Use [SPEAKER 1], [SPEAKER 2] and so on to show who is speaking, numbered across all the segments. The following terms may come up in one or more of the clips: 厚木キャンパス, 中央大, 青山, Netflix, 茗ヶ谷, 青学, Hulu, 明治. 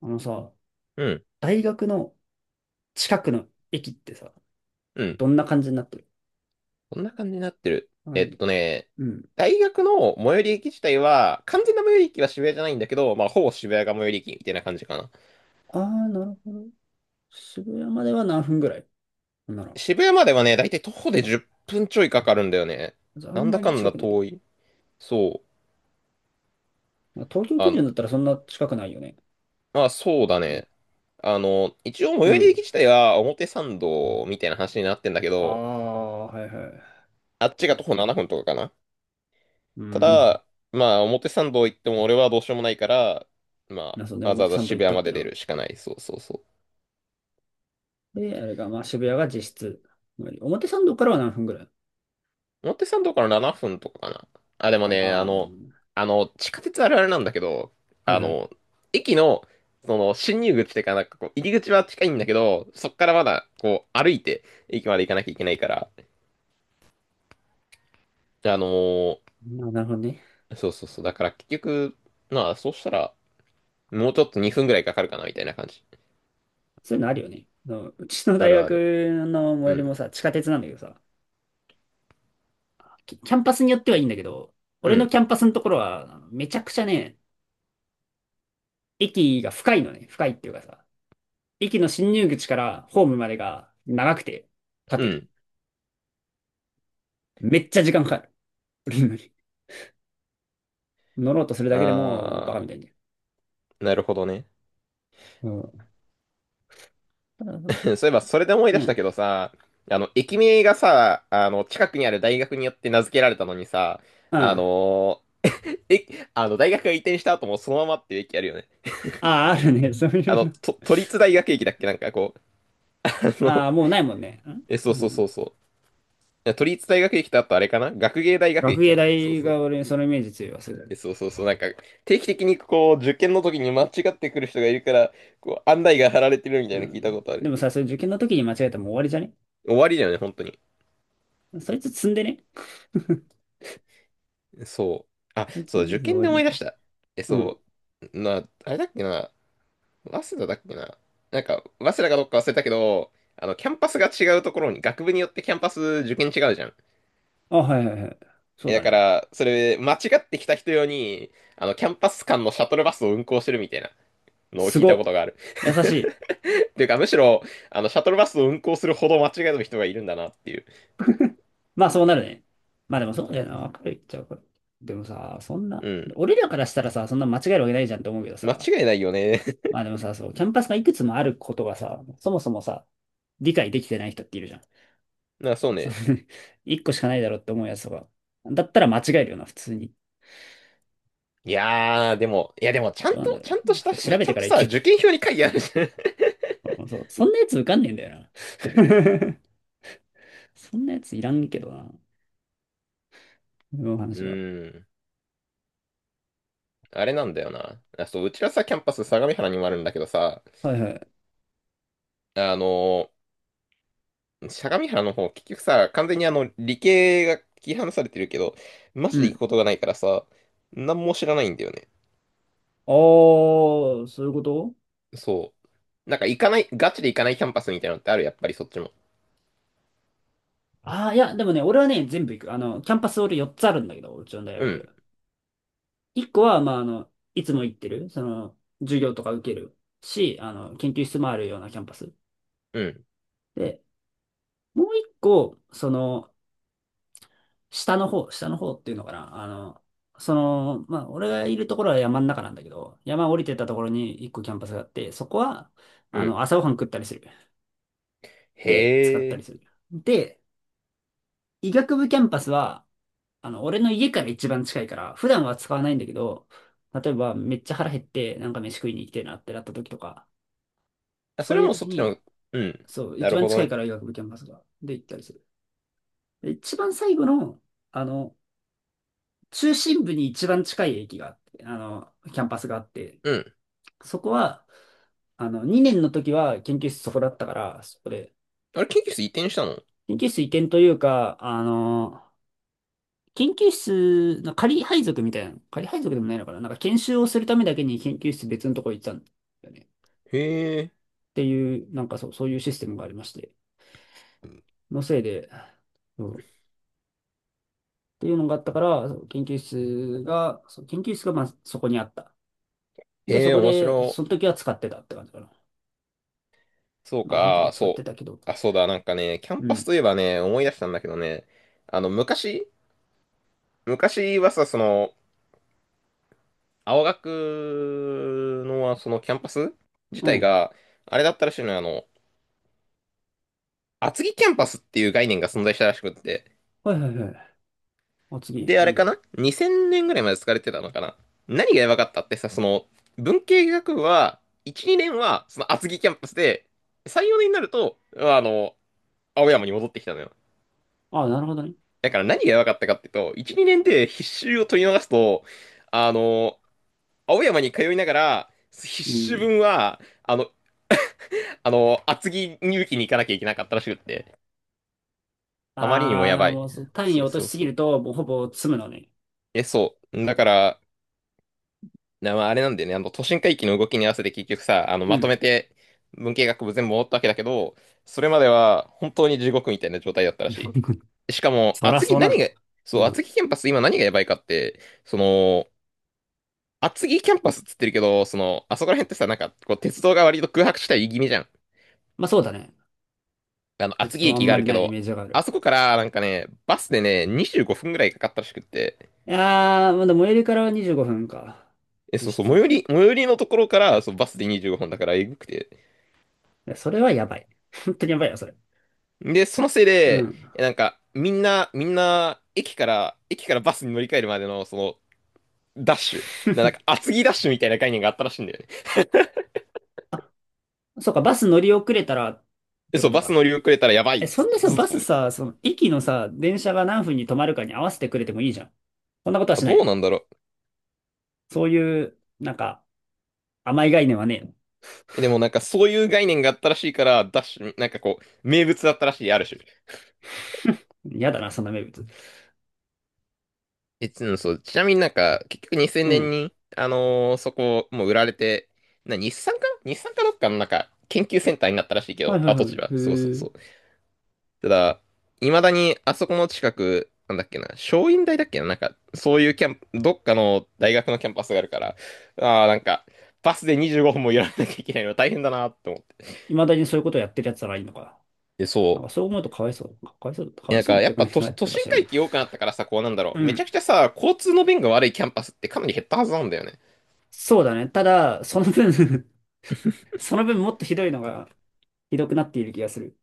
[SPEAKER 1] あのさ、
[SPEAKER 2] うん、
[SPEAKER 1] 大学の近くの駅ってさ、
[SPEAKER 2] うん。
[SPEAKER 1] どんな感じになってる？
[SPEAKER 2] こんな感じになってる。
[SPEAKER 1] あのうん。
[SPEAKER 2] 大学の最寄り駅自体は、完全な最寄り駅は渋谷じゃないんだけど、まあ、ほぼ渋谷が最寄り駅みたいな感じかな。
[SPEAKER 1] ああ、なるほど。渋谷までは何分ぐらいほんなら？
[SPEAKER 2] 渋谷まではね、だいたい徒歩で10分ちょいかかるんだよね。
[SPEAKER 1] じゃああ
[SPEAKER 2] な
[SPEAKER 1] ん
[SPEAKER 2] んだ
[SPEAKER 1] まり
[SPEAKER 2] かん
[SPEAKER 1] 近
[SPEAKER 2] だ
[SPEAKER 1] くない。
[SPEAKER 2] 遠い。そう。
[SPEAKER 1] まあ東京基
[SPEAKER 2] あの、
[SPEAKER 1] 準だったらそんな近くないよね。
[SPEAKER 2] まあ、そうだね。
[SPEAKER 1] も
[SPEAKER 2] 一応最
[SPEAKER 1] う
[SPEAKER 2] 寄り駅
[SPEAKER 1] ん。
[SPEAKER 2] 自体は表参道みたいな話になってんだけ
[SPEAKER 1] あ
[SPEAKER 2] ど、
[SPEAKER 1] あ、はいはい。
[SPEAKER 2] あっちが徒歩7分とかかな。
[SPEAKER 1] う
[SPEAKER 2] た
[SPEAKER 1] ん。
[SPEAKER 2] だ、まあ、表参道行っても俺はどうしようもないから、ま
[SPEAKER 1] そうね、
[SPEAKER 2] あ、わざわ
[SPEAKER 1] 表
[SPEAKER 2] ざ
[SPEAKER 1] 参道行
[SPEAKER 2] 渋
[SPEAKER 1] った
[SPEAKER 2] 谷
[SPEAKER 1] っ
[SPEAKER 2] ま
[SPEAKER 1] て
[SPEAKER 2] で出
[SPEAKER 1] な。
[SPEAKER 2] るしかない。そうそうそう。
[SPEAKER 1] で、あれが、まあ渋谷が実質。表参道からは何分ぐらい？
[SPEAKER 2] 表参道から7分とかかな。あ、でも
[SPEAKER 1] あ、
[SPEAKER 2] ね、
[SPEAKER 1] ま
[SPEAKER 2] 地下鉄あるあるなんだけど、
[SPEAKER 1] あ、は
[SPEAKER 2] あ
[SPEAKER 1] いはい。
[SPEAKER 2] の、駅の、進入口っていうか、なんかこう、入り口は近いんだけど、そっからまだ、こう、歩いて、駅まで行かなきゃいけないから、あのー
[SPEAKER 1] まあ、なるほどね。
[SPEAKER 2] そうそうそう、だから結局、まあ、そうしたら、もうちょっと2分ぐらいかかるかな、みたいな感じ。
[SPEAKER 1] そういうのあるよね。あのうちの
[SPEAKER 2] あ
[SPEAKER 1] 大
[SPEAKER 2] るあ
[SPEAKER 1] 学
[SPEAKER 2] る。
[SPEAKER 1] の最
[SPEAKER 2] う
[SPEAKER 1] 寄り
[SPEAKER 2] ん、
[SPEAKER 1] もさ、地下鉄なんだけどさ、キャンパスによってはいいんだけど、
[SPEAKER 2] う
[SPEAKER 1] 俺の
[SPEAKER 2] ん、
[SPEAKER 1] キャンパスのところは、めちゃくちゃね、駅が深いのね。深いっていうかさ、駅の進入口からホームまでが長くて、
[SPEAKER 2] う
[SPEAKER 1] 縦に。
[SPEAKER 2] ん。
[SPEAKER 1] めっちゃ時間かかる。降りるのに乗ろうとするだけでも、もうバカみ
[SPEAKER 2] あ
[SPEAKER 1] たいにね。
[SPEAKER 2] ー、なるほどね。
[SPEAKER 1] うん。ただ、
[SPEAKER 2] そういえば、それで思い
[SPEAKER 1] う
[SPEAKER 2] 出した
[SPEAKER 1] ん。
[SPEAKER 2] けどさ、駅名がさ、近くにある大学によって名付けられたのにさ、
[SPEAKER 1] う
[SPEAKER 2] あ
[SPEAKER 1] ん。
[SPEAKER 2] のーえ、あの、大学が移転した後もそのままっていう駅あるよね。
[SPEAKER 1] ああ、あるね。そういうの。
[SPEAKER 2] 都立大学駅だっけ、なんかこう、あの、
[SPEAKER 1] ああ、もうないもんね。
[SPEAKER 2] え、そう
[SPEAKER 1] う
[SPEAKER 2] そうそ
[SPEAKER 1] ん。
[SPEAKER 2] うそう。いや、都立大学駅と、あとあれかな、学芸大学
[SPEAKER 1] 学
[SPEAKER 2] 駅
[SPEAKER 1] 芸
[SPEAKER 2] かな、そう
[SPEAKER 1] 大
[SPEAKER 2] そう。
[SPEAKER 1] が俺にそのイメージ強いわ、す
[SPEAKER 2] え、
[SPEAKER 1] る。
[SPEAKER 2] そうそうそう。なんか、定期的にこう、受験の時に間違ってくる人がいるから、こう、案内が貼られてるみた
[SPEAKER 1] う
[SPEAKER 2] いなの聞いたこ
[SPEAKER 1] ん。
[SPEAKER 2] とあ
[SPEAKER 1] で
[SPEAKER 2] る。
[SPEAKER 1] もさ、それ受験の時に間違えたらもう終わりじゃね？
[SPEAKER 2] 終わりだよね、本当に。
[SPEAKER 1] そいつ積んでね。そ
[SPEAKER 2] そう。あ、
[SPEAKER 1] いつ積
[SPEAKER 2] そう、
[SPEAKER 1] ん
[SPEAKER 2] 受
[SPEAKER 1] で終
[SPEAKER 2] 験
[SPEAKER 1] わ
[SPEAKER 2] で
[SPEAKER 1] りな
[SPEAKER 2] 思い
[SPEAKER 1] 気
[SPEAKER 2] 出
[SPEAKER 1] が
[SPEAKER 2] し
[SPEAKER 1] す
[SPEAKER 2] た。え、
[SPEAKER 1] る。うん。
[SPEAKER 2] そう、あれだっけな、早稲田だっけな。なんか、早稲田かどっか忘れたけど、キャンパスが違うところに、学部によってキャンパス受験違うじゃん。
[SPEAKER 1] あ、はいはいはい。そう
[SPEAKER 2] え、だ
[SPEAKER 1] だ
[SPEAKER 2] か
[SPEAKER 1] ね。
[SPEAKER 2] ら、それ、間違ってきた人用に、キャンパス間のシャトルバスを運行してるみたいなのを
[SPEAKER 1] す
[SPEAKER 2] 聞いたこ
[SPEAKER 1] ご。
[SPEAKER 2] とがある。
[SPEAKER 1] 優しい。
[SPEAKER 2] っていうか、むしろ、シャトルバスを運行するほど間違える人がいるんだなっていう。
[SPEAKER 1] まあそうなるね。まあでもそうだよな。わかるいっちゃうから。でもさ、そんな、
[SPEAKER 2] うん。
[SPEAKER 1] 俺らからしたらさ、そんな間違えるわけないじゃんって思うけど
[SPEAKER 2] 間
[SPEAKER 1] さ。
[SPEAKER 2] 違いないよね。
[SPEAKER 1] ま あでもさ、そう、キャンパスがいくつもあることがさ、そもそもさ、理解できてない人っているじゃん。
[SPEAKER 2] そう
[SPEAKER 1] そう、
[SPEAKER 2] ね。
[SPEAKER 1] 一個しかないだろうって思うやつとか。だったら間違えるよな、普通に。
[SPEAKER 2] いやー、でも、いやでも、ちゃ
[SPEAKER 1] ど
[SPEAKER 2] ん
[SPEAKER 1] うなんだ
[SPEAKER 2] と、
[SPEAKER 1] ろう。
[SPEAKER 2] ちゃんとし
[SPEAKER 1] だっ
[SPEAKER 2] た、
[SPEAKER 1] て
[SPEAKER 2] ち
[SPEAKER 1] 調べ
[SPEAKER 2] ゃ
[SPEAKER 1] て
[SPEAKER 2] ん
[SPEAKER 1] か
[SPEAKER 2] と
[SPEAKER 1] らい
[SPEAKER 2] さ、
[SPEAKER 1] け
[SPEAKER 2] 受
[SPEAKER 1] る。
[SPEAKER 2] 験票に書いてあるじゃん。
[SPEAKER 1] うん、そう、そんなやつ受かんねえんだよな。そんなやついらんけどな。今の
[SPEAKER 2] う
[SPEAKER 1] 話は。
[SPEAKER 2] ーん。あれなんだよな。あ、そう、うちらさ、キャンパス相模原にもあるんだけどさ、
[SPEAKER 1] はいはい。
[SPEAKER 2] あのー相模原の方、結局さ、完全に理系が切り離されてるけど、マ
[SPEAKER 1] う
[SPEAKER 2] ジで行く
[SPEAKER 1] ん。
[SPEAKER 2] ことがないからさ、何も知らないんだよね。
[SPEAKER 1] ああー、そういうこと？
[SPEAKER 2] そう。なんか行かない、ガチで行かないキャンパスみたいなのってある、やっぱりそっちも。
[SPEAKER 1] ああー、いや、でもね、俺はね、全部行く。あの、キャンパス俺4つあるんだけど、うちの大
[SPEAKER 2] う
[SPEAKER 1] 学。
[SPEAKER 2] ん、
[SPEAKER 1] 1個は、まあ、あの、いつも行ってる、その、授業とか受けるし、あの、研究室もあるようなキャンパス。
[SPEAKER 2] うん、
[SPEAKER 1] で、もう1個、その、下の方、下の方っていうのかな。あの、その、まあ、俺がいるところは山の中なんだけど、山降りてったところに1個キャンパスがあって、そこは、
[SPEAKER 2] う
[SPEAKER 1] あ
[SPEAKER 2] ん。
[SPEAKER 1] の、朝ごはん食ったりする。で、使っ
[SPEAKER 2] へ
[SPEAKER 1] たり
[SPEAKER 2] え。
[SPEAKER 1] する。で、医学部キャンパスは、あの、俺の家から一番近いから、普段は使わないんだけど、例えばめっちゃ腹減って、なんか飯食いに行きたいなってなった時とか、
[SPEAKER 2] あ、そ
[SPEAKER 1] そ
[SPEAKER 2] れ
[SPEAKER 1] うい
[SPEAKER 2] は
[SPEAKER 1] う
[SPEAKER 2] もうそ
[SPEAKER 1] 時
[SPEAKER 2] っち
[SPEAKER 1] に、
[SPEAKER 2] の、うん。
[SPEAKER 1] そう、
[SPEAKER 2] な
[SPEAKER 1] 一
[SPEAKER 2] る
[SPEAKER 1] 番
[SPEAKER 2] ほど
[SPEAKER 1] 近い
[SPEAKER 2] ね。
[SPEAKER 1] から医学部キャンパスが、で行ったりする。で一番最後の、あの、中心部に一番近い駅があって、あの、キャンパスがあって、
[SPEAKER 2] うん。
[SPEAKER 1] そこは、あの、2年の時は研究室そこだったから、そこで、
[SPEAKER 2] あれ、研究室移転したの？
[SPEAKER 1] 研究室移転というか、あの、研究室、仮配属みたいなの、仮配属でもないのかな、なんか研修をするためだけに研究室別のとこ行ったんだよね。っ
[SPEAKER 2] へえ、
[SPEAKER 1] ていう、なんかそう、そういうシステムがありまして、のせいで、そうっていうのがあったから、そう研究室が、そう研究室がまあそこにあった。で、
[SPEAKER 2] へ
[SPEAKER 1] そ
[SPEAKER 2] え、
[SPEAKER 1] こ
[SPEAKER 2] 面
[SPEAKER 1] で、
[SPEAKER 2] 白
[SPEAKER 1] その
[SPEAKER 2] い。
[SPEAKER 1] 時は使ってたって感じかな。
[SPEAKER 2] そう
[SPEAKER 1] まあ、その時
[SPEAKER 2] か、
[SPEAKER 1] は
[SPEAKER 2] あ
[SPEAKER 1] 使って
[SPEAKER 2] そ
[SPEAKER 1] たけど、
[SPEAKER 2] う。あ、そうだ、なんかね、キャン
[SPEAKER 1] う
[SPEAKER 2] パス
[SPEAKER 1] ん、
[SPEAKER 2] といえばね、思い出したんだけどね、あの、昔、昔はさ、その、青学の、そのキャンパス自
[SPEAKER 1] う
[SPEAKER 2] 体
[SPEAKER 1] ん。
[SPEAKER 2] が、あれだったらしいのよ、厚木キャンパスっていう概念が存在したらしくって、
[SPEAKER 1] はいはいはい。あ、次、
[SPEAKER 2] で、あ
[SPEAKER 1] う
[SPEAKER 2] れか
[SPEAKER 1] ん。
[SPEAKER 2] な？ 2000 年ぐらいまで使われてたのかな。何がやばかったってさ、その、文系学部は、1、2年は、その厚木キャンパスで、3、4年になると、青山に戻ってきたのよ。
[SPEAKER 1] あ、なるほどね。
[SPEAKER 2] だから何がやばかったかっていうと、1、2年で必修を取り逃すと、あの、青山に通いながら、必
[SPEAKER 1] う
[SPEAKER 2] 修
[SPEAKER 1] ん。
[SPEAKER 2] 分は、厚木入試に行かなきゃいけなかったらしくって、あまりにもや
[SPEAKER 1] ああ、
[SPEAKER 2] ばい。
[SPEAKER 1] もうそう単位
[SPEAKER 2] そ
[SPEAKER 1] を
[SPEAKER 2] う
[SPEAKER 1] 落と
[SPEAKER 2] そ
[SPEAKER 1] し
[SPEAKER 2] う
[SPEAKER 1] すぎ
[SPEAKER 2] そ
[SPEAKER 1] る
[SPEAKER 2] う。
[SPEAKER 1] と、もうほぼ詰むのね。
[SPEAKER 2] え、そう。だから、まあ、あれなんだよね、都心回帰の動きに合わせて結局さ、
[SPEAKER 1] う
[SPEAKER 2] まと
[SPEAKER 1] ん。
[SPEAKER 2] めて文系学部全部戻ったわけだけど、それまでは本当に地獄みたいな状態だったらし い。しかも、
[SPEAKER 1] そら
[SPEAKER 2] 厚木
[SPEAKER 1] そうなる
[SPEAKER 2] 何が、
[SPEAKER 1] わ。
[SPEAKER 2] そ
[SPEAKER 1] う
[SPEAKER 2] う、
[SPEAKER 1] ん。
[SPEAKER 2] 厚木キャンパス今何がやばいかって、その、厚木キャンパスっつってるけど、その、あそこら辺ってさ、なんか、こう、鉄道が割と空白地帯気味じゃん。
[SPEAKER 1] まあそうだね。ちょっ
[SPEAKER 2] 厚木
[SPEAKER 1] とあ
[SPEAKER 2] 駅
[SPEAKER 1] ん
[SPEAKER 2] があ
[SPEAKER 1] ま
[SPEAKER 2] る
[SPEAKER 1] り
[SPEAKER 2] け
[SPEAKER 1] ないイ
[SPEAKER 2] ど、
[SPEAKER 1] メージがある。
[SPEAKER 2] あそこから、なんかね、バスでね、25分ぐらいかかったらしくって、
[SPEAKER 1] いやー、まだ最寄りからは25分か。
[SPEAKER 2] え、
[SPEAKER 1] 実
[SPEAKER 2] そうそう、最寄
[SPEAKER 1] 質。
[SPEAKER 2] り、最寄りのところから、そう、バスで25分だから、えぐくて。
[SPEAKER 1] いや、それはやばい。本当にやばいよ、それ。
[SPEAKER 2] で、そのせい
[SPEAKER 1] う
[SPEAKER 2] で、
[SPEAKER 1] ん。
[SPEAKER 2] え、なんか、みんな、駅からバスに乗り換えるまでの、その、ダッシュ。なんか、厚木ダッシュみたいな概念があったらしいんだよね。
[SPEAKER 1] そうか、バス乗り遅れたらっ
[SPEAKER 2] で、
[SPEAKER 1] て
[SPEAKER 2] そ
[SPEAKER 1] こ
[SPEAKER 2] う、
[SPEAKER 1] と
[SPEAKER 2] バス乗
[SPEAKER 1] か。
[SPEAKER 2] り遅れたらやばい
[SPEAKER 1] え、
[SPEAKER 2] っ
[SPEAKER 1] そ
[SPEAKER 2] つっ
[SPEAKER 1] んな
[SPEAKER 2] て、
[SPEAKER 1] さ、
[SPEAKER 2] ずっと、
[SPEAKER 1] バスさ、その駅のさ、電車が何分に止まるかに合わせてくれてもいいじゃん。そんなことは
[SPEAKER 2] あ、
[SPEAKER 1] しな
[SPEAKER 2] ど
[SPEAKER 1] い
[SPEAKER 2] う
[SPEAKER 1] の？
[SPEAKER 2] なんだろう。
[SPEAKER 1] そういう、なんか、甘い概念はねえ
[SPEAKER 2] え、でも、なんかそういう概念があったらしいから、ダッシュ、なんかこう、名物だったらしい、ある種。
[SPEAKER 1] の。嫌だな、そんな名物。
[SPEAKER 2] え、うん、そう、ちなみになんか、結局2000
[SPEAKER 1] う
[SPEAKER 2] 年
[SPEAKER 1] ん。
[SPEAKER 2] に、そこ、もう売られて、日産かな、日産かどっかのなんか、研究センターになったらしいけ
[SPEAKER 1] はい
[SPEAKER 2] ど、
[SPEAKER 1] はいは
[SPEAKER 2] 跡
[SPEAKER 1] い。
[SPEAKER 2] 地は。そうそう
[SPEAKER 1] へ
[SPEAKER 2] そ
[SPEAKER 1] え。
[SPEAKER 2] う。ただ、未だにあそこの近く、なんだっけな、松蔭大だっけな、なんか、そういうキャンプどっかの大学のキャンパスがあるから、ああ、なんか、バスで25分もやらなきゃいけないの大変だなって思って。
[SPEAKER 1] 未だにそういうことやってるやつならいいのか。
[SPEAKER 2] で、
[SPEAKER 1] なん
[SPEAKER 2] そ
[SPEAKER 1] か
[SPEAKER 2] う。
[SPEAKER 1] そう思うとかわいそう。かわいそう、かわい
[SPEAKER 2] なん
[SPEAKER 1] そう
[SPEAKER 2] か、
[SPEAKER 1] っ
[SPEAKER 2] や
[SPEAKER 1] て
[SPEAKER 2] っ
[SPEAKER 1] 感
[SPEAKER 2] ぱ
[SPEAKER 1] じに
[SPEAKER 2] 都
[SPEAKER 1] なって
[SPEAKER 2] 都
[SPEAKER 1] るか
[SPEAKER 2] 心
[SPEAKER 1] しらんけ
[SPEAKER 2] 回
[SPEAKER 1] ど。
[SPEAKER 2] 帰多くなったからさ、こうなんだろ
[SPEAKER 1] う
[SPEAKER 2] う。めちゃ
[SPEAKER 1] ん。
[SPEAKER 2] くちゃさ、交通の便が悪いキャンパスってかなり減ったはずなんだよね。
[SPEAKER 1] そうだね。ただ、その分、 その分もっとひどいのが、ひどくなっている気がする。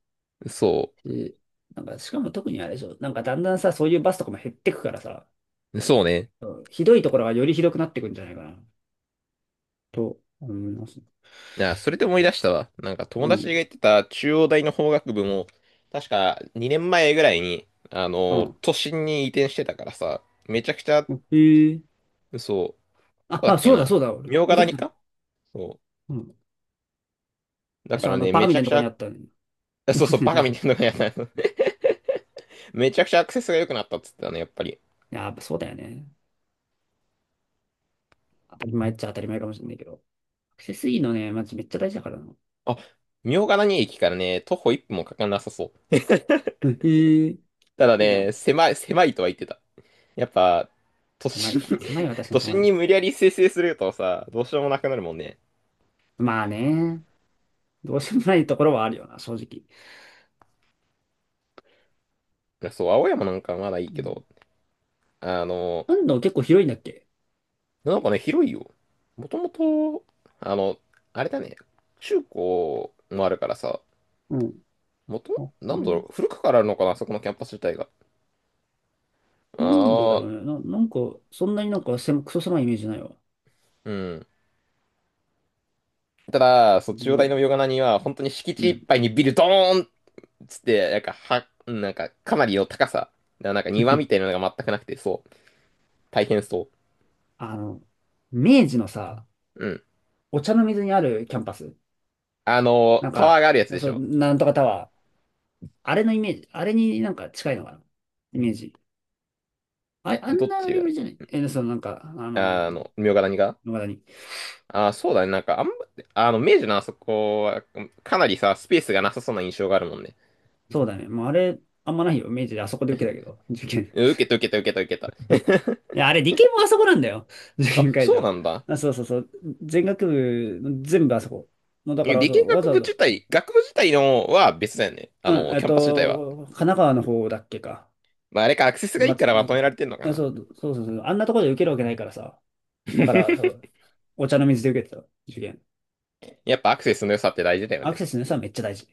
[SPEAKER 2] そ
[SPEAKER 1] しなんか、しかも特にあれでしょ。なんかだんだんさ、そういうバスとかも減ってくからさ、
[SPEAKER 2] う。そうね。
[SPEAKER 1] うん、ひどいところがよりひどくなってくんじゃないかな、と思います。
[SPEAKER 2] あ、それで思い出したわ。なんか
[SPEAKER 1] う
[SPEAKER 2] 友達が
[SPEAKER 1] ん。
[SPEAKER 2] 言ってた中央大の法学部も、確か2年前ぐらいに、
[SPEAKER 1] うん。
[SPEAKER 2] 都心に移転してたからさ、めちゃくちゃ、
[SPEAKER 1] うん、へえ。
[SPEAKER 2] そう、こ
[SPEAKER 1] あ、
[SPEAKER 2] こだ
[SPEAKER 1] あ、
[SPEAKER 2] っけ
[SPEAKER 1] そうだ、そ
[SPEAKER 2] な。
[SPEAKER 1] うだ、俺。聞
[SPEAKER 2] 茗ヶ
[SPEAKER 1] いたこ
[SPEAKER 2] 谷
[SPEAKER 1] とある。
[SPEAKER 2] か。そ
[SPEAKER 1] うん。
[SPEAKER 2] う。
[SPEAKER 1] あ
[SPEAKER 2] だか
[SPEAKER 1] そう、あ
[SPEAKER 2] ら
[SPEAKER 1] の、
[SPEAKER 2] ね、
[SPEAKER 1] バカ
[SPEAKER 2] め
[SPEAKER 1] み
[SPEAKER 2] ち
[SPEAKER 1] た
[SPEAKER 2] ゃ
[SPEAKER 1] いな
[SPEAKER 2] く
[SPEAKER 1] と
[SPEAKER 2] ち
[SPEAKER 1] こにあ
[SPEAKER 2] ゃ、
[SPEAKER 1] ったね。
[SPEAKER 2] あ、
[SPEAKER 1] バ
[SPEAKER 2] そ
[SPEAKER 1] カ
[SPEAKER 2] う
[SPEAKER 1] み
[SPEAKER 2] そう、
[SPEAKER 1] たいな
[SPEAKER 2] バ
[SPEAKER 1] と
[SPEAKER 2] カ
[SPEAKER 1] こに、
[SPEAKER 2] みたい
[SPEAKER 1] い
[SPEAKER 2] なのがやった。めちゃくちゃアクセスが良くなったっつってたね、やっぱり。
[SPEAKER 1] や、やっぱそうだよね。当たり前っちゃ当たり前かもしれないけど。アクセスいいのね、マジめっちゃ大事だからな。
[SPEAKER 2] あ、茗ヶ谷駅からね、徒歩1分もかかんなさそう。
[SPEAKER 1] へえ、い
[SPEAKER 2] ただ
[SPEAKER 1] いじゃ
[SPEAKER 2] ね、
[SPEAKER 1] ん。
[SPEAKER 2] 狭いとは言ってた。やっぱ、都
[SPEAKER 1] 狭い
[SPEAKER 2] 心に
[SPEAKER 1] か。まあ狭いは確 か
[SPEAKER 2] 都
[SPEAKER 1] にしょうがな
[SPEAKER 2] 心
[SPEAKER 1] い
[SPEAKER 2] に
[SPEAKER 1] な。
[SPEAKER 2] 無理やり生成するとさ、どうしようもなくなるもんね。
[SPEAKER 1] まあね。どうしようもないところはあるよな、正直。
[SPEAKER 2] そう、青山なんかまだいい
[SPEAKER 1] う
[SPEAKER 2] け
[SPEAKER 1] ん。
[SPEAKER 2] ど、あの、
[SPEAKER 1] なんだ、結構広いんだっけ？
[SPEAKER 2] なんかね、広いよ。もともと、あの、あれだね、中高もあるからさ、
[SPEAKER 1] うん。あ、へ
[SPEAKER 2] なんだ
[SPEAKER 1] え、
[SPEAKER 2] ろう、古くからあるのかな、あそこのキャンパス自体が。あ
[SPEAKER 1] なんでだろ
[SPEAKER 2] あ、
[SPEAKER 1] うね。なんか、そんなになんか狭、クソ狭いイメージないわ。
[SPEAKER 2] うん。ただ、
[SPEAKER 1] う
[SPEAKER 2] そう、中央大
[SPEAKER 1] ん。
[SPEAKER 2] のヨガナには、本当に敷
[SPEAKER 1] う
[SPEAKER 2] 地い
[SPEAKER 1] ん、
[SPEAKER 2] っぱいにビルドーンつって、なんか、なんか、かなりの高さ。なんか庭みたい なのが全くなくて、そう。大変そ
[SPEAKER 1] あの、明治のさ、
[SPEAKER 2] う。うん。
[SPEAKER 1] お茶の水にあるキャンパス。なん
[SPEAKER 2] タワ
[SPEAKER 1] か、
[SPEAKER 2] ーがあるやつでし
[SPEAKER 1] そう、
[SPEAKER 2] ょ。
[SPEAKER 1] なんとかタワー。あれのイメージ、あれになんか近いのかな、イメージ。あ、あ
[SPEAKER 2] ど
[SPEAKER 1] ん
[SPEAKER 2] っ
[SPEAKER 1] な
[SPEAKER 2] ち
[SPEAKER 1] レベ
[SPEAKER 2] が、
[SPEAKER 1] ルじゃない、え、そのなんか、あの、
[SPEAKER 2] 茗ヶ谷が、
[SPEAKER 1] 野方に。
[SPEAKER 2] あー、そうだね。なんか、あんま、あの、明治のあそこは、かなりさ、スペースがなさそうな印象があるもんね。
[SPEAKER 1] そうだね。もうあれ、あんまないよ。明治であそこで受けたけど、受験。
[SPEAKER 2] うん、受けた受けた受けた受けた。
[SPEAKER 1] いや、あれ、理系もあそこなんだよ。受
[SPEAKER 2] あ、
[SPEAKER 1] 験会
[SPEAKER 2] そう
[SPEAKER 1] 場。
[SPEAKER 2] なんだ。
[SPEAKER 1] あ、そうそうそう。全学部、全部あそこ。もうだか
[SPEAKER 2] え、
[SPEAKER 1] ら、
[SPEAKER 2] 理
[SPEAKER 1] そ
[SPEAKER 2] 系
[SPEAKER 1] う、わ
[SPEAKER 2] 学
[SPEAKER 1] ざ
[SPEAKER 2] 部
[SPEAKER 1] わざ、
[SPEAKER 2] 自体、学部自体のは別だよね。
[SPEAKER 1] うん、えっ
[SPEAKER 2] キャンパス自体は。
[SPEAKER 1] と、神奈川の方だっけか。
[SPEAKER 2] まあ、あれか、アクセスがいいからまとめら
[SPEAKER 1] 松、
[SPEAKER 2] れてんのか
[SPEAKER 1] あ
[SPEAKER 2] な。
[SPEAKER 1] そう、そうそうそう。あんなところで受けるわけないからさ。だから、そ う、お茶の水で受けてた、受験。
[SPEAKER 2] やっぱアクセスの良さって大事だよ
[SPEAKER 1] アクセ
[SPEAKER 2] ね。
[SPEAKER 1] スの良さはめっちゃ大事。